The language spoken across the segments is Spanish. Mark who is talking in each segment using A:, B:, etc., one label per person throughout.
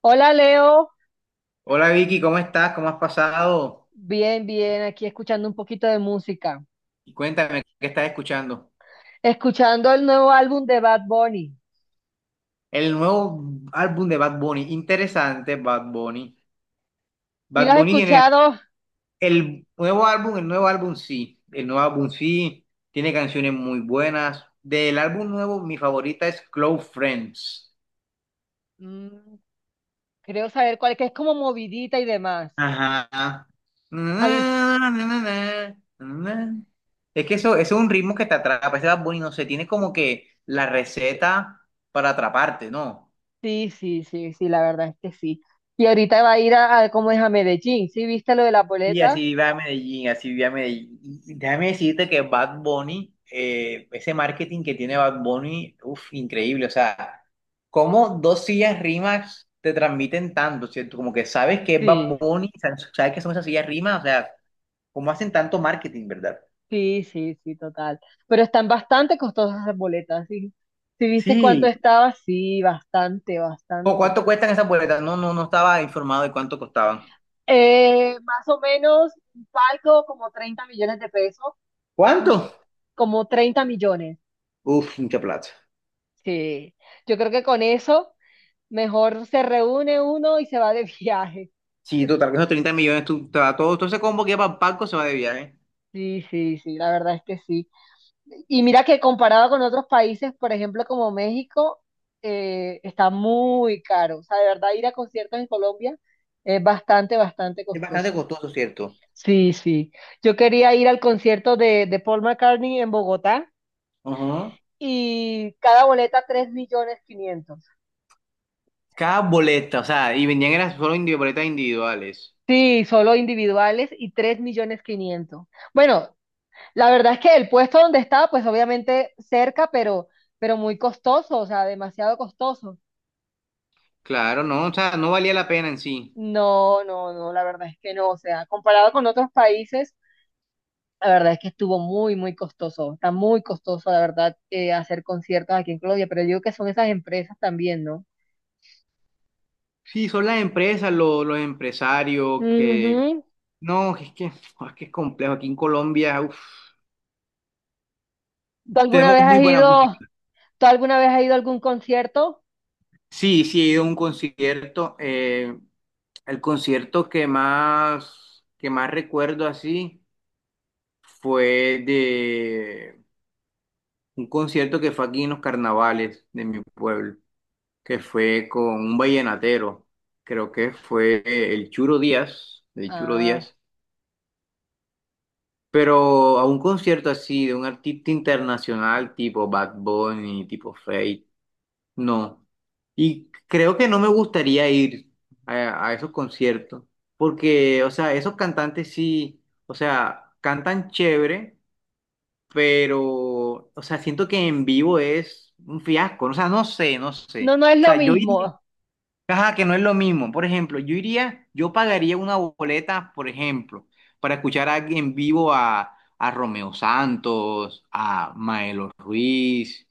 A: Hola Leo.
B: Hola Vicky, ¿cómo estás? ¿Cómo has pasado?
A: Bien, bien, aquí escuchando un poquito de música,
B: Y cuéntame, ¿qué estás escuchando?
A: escuchando el nuevo álbum de Bad Bunny.
B: El nuevo álbum de Bad Bunny, interesante Bad Bunny.
A: ¿Si lo
B: Bad
A: has
B: Bunny tiene
A: escuchado?
B: el nuevo álbum sí, el nuevo álbum sí, tiene canciones muy buenas. Del álbum nuevo, mi favorita es Close Friends.
A: Mm, creo saber cuál, que es como movidita y demás.
B: Ajá.
A: A mí,
B: Es que eso es un ritmo que te atrapa, ese Bad Bunny, no sé, tiene como que la receta para atraparte, ¿no?
A: sí, sí, sí, sí, la verdad es que sí. Y ahorita va a ir a ¿cómo es? A Medellín, ¿sí? ¿Viste lo de las
B: Sí,
A: boletas?
B: así va a Medellín, así va a Medellín. Y déjame decirte que Bad Bunny, ese marketing que tiene Bad Bunny, uff, increíble. O sea, cómo dos sillas rimas te transmiten tanto, ¿cierto? Como que sabes que es Bad
A: Sí,
B: Bunny, sabes que son esas sillas rimas, o sea, cómo hacen tanto marketing, ¿verdad?
A: sí, sí, sí, total. Pero están bastante costosas las boletas, ¿sí? ¿Sí viste cuánto
B: Sí.
A: estaba? Sí, bastante,
B: ¿O
A: bastante.
B: cuánto cuestan esas boletas? No, no, no estaba informado de cuánto costaban.
A: Más o menos un palco como 30 millones de pesos,
B: ¿Cuánto?
A: pues, como 30 millones.
B: Uf, mucha plata.
A: Sí, yo creo que con eso mejor se reúne uno y se va de viaje.
B: Sí, total, que esos 30 millones, tú, te va todo, todo ese combo que va para el palco se va de viaje.
A: Sí, sí, sí, la verdad es que sí. Y mira que comparado con otros países, por ejemplo, como México, está muy caro. O sea, de verdad ir a conciertos en Colombia es bastante, bastante
B: Es bastante
A: costoso.
B: costoso, ¿cierto?
A: Sí, sí. Yo quería ir al concierto de Paul McCartney en Bogotá
B: Ajá.
A: y cada boleta 3 millones quinientos.
B: Cada boleta, o sea, y vendían eran solo boletas individuales.
A: Sí, solo individuales y 3 millones quinientos. Bueno, la verdad es que el puesto donde estaba, pues obviamente cerca, pero muy costoso, o sea, demasiado costoso.
B: Claro, no, o sea, no valía la pena en sí.
A: No, no, no, la verdad es que no, o sea, comparado con otros países, la verdad es que estuvo muy, muy costoso, está muy costoso, la verdad, hacer conciertos aquí en Colombia, pero yo digo que son esas empresas también, ¿no?
B: Sí, son las empresas, los, empresarios, que...
A: Ujú.
B: No, es que, es que es complejo. Aquí en Colombia, uf,
A: ¿Tú alguna
B: tenemos
A: vez
B: muy
A: has
B: buena
A: ido,
B: música.
A: tú alguna vez has ido a algún concierto?
B: Sí, sí, he ido a un concierto. El concierto que más recuerdo así fue de un concierto que fue aquí en los carnavales de mi pueblo. Que fue con un vallenatero, creo que fue el Churo
A: Ah,
B: Díaz, pero a un concierto así de un artista internacional tipo Bad Bunny, tipo Feid, no. Y creo que no me gustaría ir a esos conciertos, porque, o sea, esos cantantes sí, o sea, cantan chévere, pero, o sea, siento que en vivo es un fiasco, o sea, no sé, no
A: no,
B: sé.
A: no es
B: O
A: lo
B: sea, yo iría.
A: mismo.
B: Ajá, que no es lo mismo. Por ejemplo, yo iría, yo pagaría una boleta, por ejemplo, para escuchar a, en vivo a Romeo Santos, a Maelo Ruiz,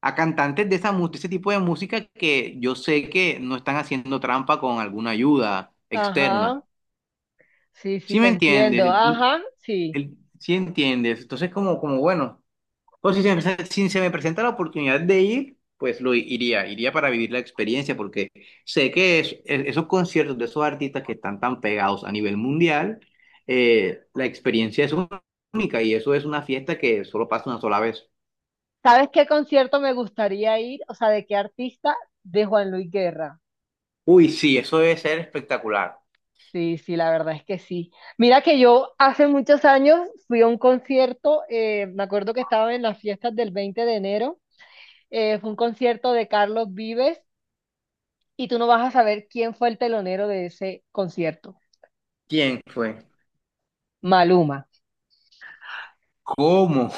B: a cantantes de esa, de ese tipo de música que yo sé que no están haciendo trampa con alguna ayuda externa.
A: Ajá, sí, sí,
B: ¿Sí
A: te
B: me entiendes?
A: entiendo. Ajá, sí.
B: ¿Sí entiendes? Entonces, como bueno. O si se me presenta la oportunidad de ir, pues lo iría, iría para vivir la experiencia, porque sé que esos conciertos de esos artistas que están tan pegados a nivel mundial, la experiencia es única y eso es una fiesta que solo pasa una sola vez.
A: ¿Sabes qué concierto me gustaría ir? O sea, ¿de qué artista? De Juan Luis Guerra.
B: Uy, sí, eso debe ser espectacular.
A: Sí, sí, la verdad es que sí. Mira que yo hace muchos años fui a un concierto, me acuerdo que estaba en las fiestas del 20 de enero, fue un concierto de Carlos Vives y tú no vas a saber quién fue el telonero de ese concierto.
B: ¿Quién fue?
A: Maluma.
B: ¿Cómo? O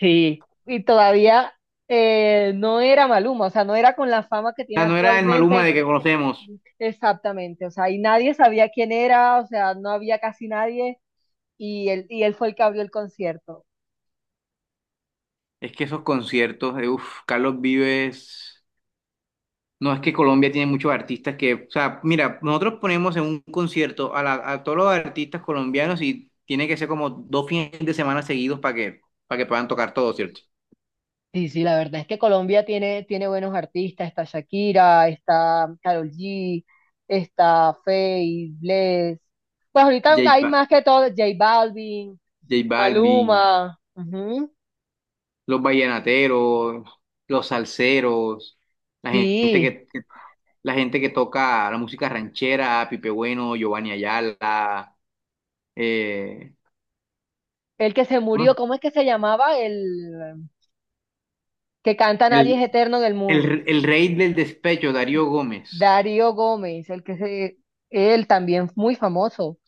A: Sí, y todavía no era Maluma, o sea, no era con la fama que tiene
B: sea, no era el Maluma
A: actualmente,
B: de que conocemos.
A: exactamente, o sea, y nadie sabía quién era, o sea, no había casi nadie, y él fue el que abrió el concierto.
B: Es que esos conciertos, uf, Carlos Vives. No, es que Colombia tiene muchos artistas que, o sea, mira, nosotros ponemos en un concierto a, a todos los artistas colombianos y tiene que ser como 2 fines de semana seguidos para que puedan tocar todo, ¿cierto?
A: Sí, sí, la verdad es que Colombia tiene, tiene buenos artistas, está Shakira, está Karol G, está Feid, Bless, pues ahorita
B: J,
A: hay
B: Ba-
A: más que todo, J Balvin,
B: J Balvin,
A: Maluma, ujú.
B: los vallenateros, los salseros, la gente
A: Sí,
B: que, la gente que toca la música ranchera, Pipe Bueno, Giovanni Ayala, eh,
A: el que se murió, ¿cómo es que se llamaba? El... que canta Nadie
B: el,
A: es eterno en el mundo.
B: el rey del despecho, Darío Gómez.
A: Darío Gómez, el que se, él también muy famoso.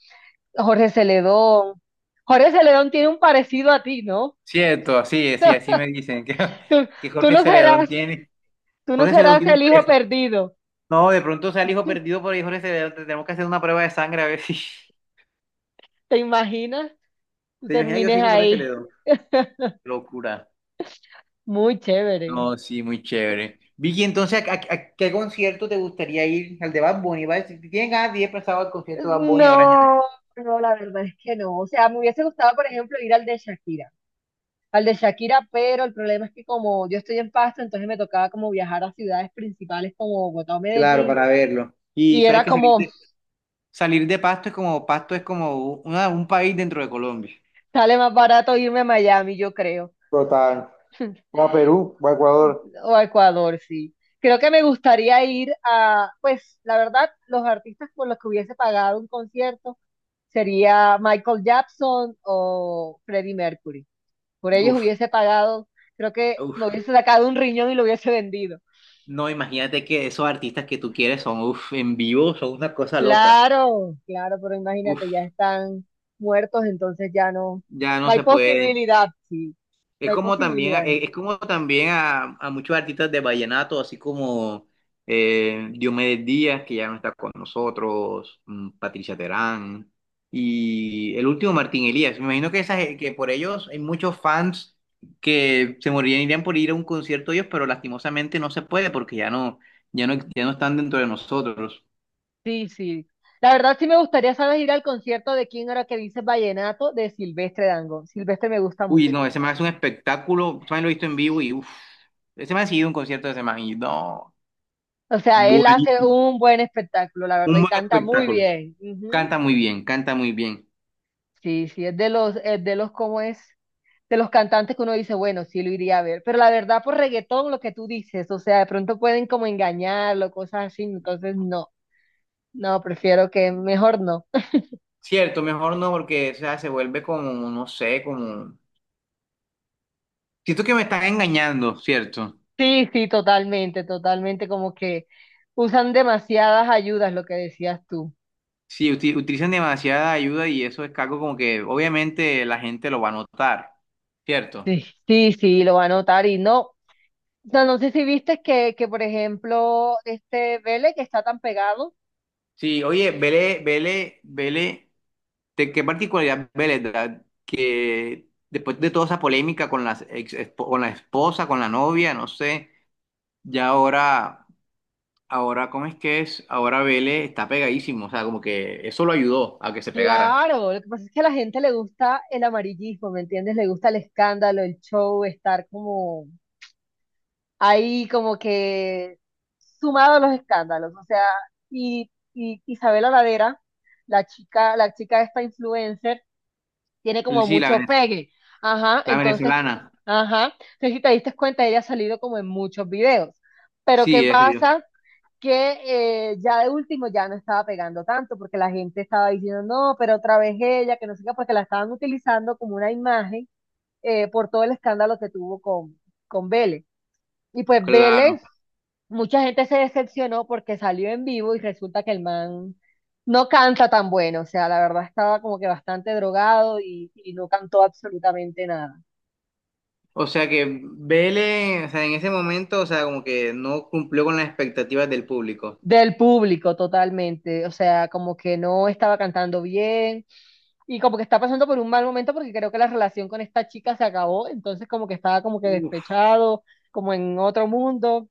A: Jorge Celedón. Jorge Celedón tiene un parecido a ti, ¿no?
B: Cierto, así es, sí, así me dicen
A: Tú,
B: que
A: tú no serás, tú no
B: Jorge Celedón
A: serás
B: tiene un
A: el hijo
B: precio.
A: perdido.
B: No, de pronto sea el hijo perdido por ahí, Jorge Celedón, tenemos que hacer una prueba de sangre a ver si.
A: ¿Te imaginas? Tú
B: ¿Te imaginas que yo soy
A: termines
B: hijo de Jorge
A: ahí.
B: Celedón? Locura.
A: Muy chévere.
B: No, sí, muy chévere. Vicky, entonces, ¿a qué concierto te gustaría ir? Al de Bad Bunny, ¿vale? Si tienes ganas de ir pasado al concierto de Bad Bunny ahora en
A: No,
B: enero.
A: no, la verdad es que no. O sea, me hubiese gustado, por ejemplo, ir al de Shakira. Al de Shakira, pero el problema es que como yo estoy en Pasto, entonces me tocaba como viajar a ciudades principales como Bogotá o
B: Claro,
A: Medellín.
B: para verlo. Y
A: Y
B: sabes
A: era
B: que
A: como,
B: salir de Pasto es como un país dentro de Colombia.
A: sale más barato irme a Miami, yo creo,
B: Total. O a Perú, o a Ecuador.
A: o a Ecuador, sí. Creo que me gustaría ir a, pues, la verdad, los artistas por los que hubiese pagado un concierto sería Michael Jackson o Freddie Mercury. Por ellos
B: Uf,
A: hubiese pagado, creo que me
B: uf.
A: hubiese sacado un riñón y lo hubiese vendido.
B: No, imagínate que esos artistas que tú quieres son, uff, en vivo, son una cosa loca.
A: Claro, claro, pero imagínate, ya
B: Uff,
A: están muertos, entonces ya no,
B: ya
A: no
B: no
A: hay
B: se puede.
A: posibilidad, sí, no hay posibilidad.
B: Es como también a muchos artistas de vallenato, así como Diomedes Díaz, que ya no está con nosotros, Patricia Terán, y el último Martín Elías. Me imagino que, esas, que por ellos hay muchos fans que se morirían, irían por ir a un concierto de ellos, pero lastimosamente no se puede porque ya no, ya no, ya no están dentro de nosotros.
A: Sí, sí. La verdad sí me gustaría, ¿sabes? Ir al concierto de quién era que dice Vallenato de Silvestre Dangond. Silvestre me gusta
B: Uy,
A: mucho.
B: no, ese man es un espectáculo. Ese man lo he visto en vivo y uff. Ese man ha seguido un concierto de ese man y no.
A: O sea, él hace
B: Buenísimo.
A: un buen espectáculo, la verdad,
B: Un
A: y
B: buen
A: canta muy
B: espectáculo.
A: bien. Ujú.
B: Canta muy bien, canta muy bien.
A: Sí, sí, es de los, ¿cómo es? De los cantantes que uno dice, bueno, sí lo iría a ver. Pero la verdad, por reggaetón, lo que tú dices, o sea, de pronto pueden como engañarlo, cosas así, entonces no, no, prefiero que mejor no.
B: Cierto, mejor no, porque o sea, se vuelve como, no sé, como. Siento que me están engañando, ¿cierto?
A: Sí, sí, totalmente, totalmente, como que usan demasiadas ayudas, lo que decías tú.
B: Sí, utilizan demasiada ayuda y eso es algo como que obviamente la gente lo va a notar, ¿cierto?
A: Sí, sí, sí, lo va a notar y no, o sea, no sé si viste que, por ejemplo, este Vélez que está tan pegado,
B: Sí, oye, vele, vele, vele. ¿De qué particularidad ve la edad que después de toda esa polémica con las con la esposa, con la novia, no sé, ya ahora, ¿cómo es que es? Ahora Vélez está pegadísimo, o sea, como que eso lo ayudó a que se pegara.
A: claro, lo que pasa es que a la gente le gusta el amarillismo, ¿me entiendes? Le gusta el escándalo, el show, estar como ahí como que sumado a los escándalos, o sea y la chica, la chica esta influencer tiene como
B: Sí, la,
A: mucho pegue. Ajá,
B: la
A: entonces,
B: venezolana,
A: ajá, entonces si te diste cuenta, ella ha salido como en muchos videos. Pero ¿qué
B: sí, es
A: pasa? Que ya de último ya no estaba pegando tanto porque la gente estaba diciendo, no, pero otra vez ella, que no sé qué, porque la estaban utilizando como una imagen por todo el escándalo que tuvo con Vélez. Y pues
B: claro.
A: Vélez mucha gente se decepcionó porque salió en vivo y resulta que el man no canta tan bueno, o sea, la verdad estaba como que bastante drogado y no cantó absolutamente nada.
B: O sea que Vélez, o sea, en ese momento, o sea, como que no cumplió con las expectativas del público.
A: Del público totalmente, o sea, como que no estaba cantando bien y como que está pasando por un mal momento porque creo que la relación con esta chica se acabó, entonces como que estaba como que
B: Uf,
A: despechado, como en otro mundo,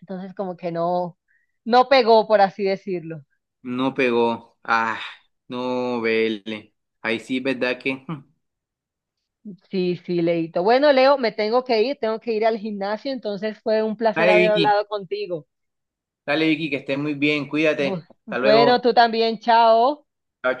A: entonces como que no, no pegó, por así decirlo.
B: no pegó. Ah, no, Vélez. Ahí sí, ¿verdad que?
A: Sí, sí, Leito. Bueno, Leo, me tengo que ir al gimnasio, entonces fue un placer
B: Dale,
A: haber
B: Vicky.
A: hablado contigo.
B: Dale, Vicky, que estés muy bien. Cuídate. Hasta
A: Bueno,
B: luego.
A: tú también, chao.
B: Chao,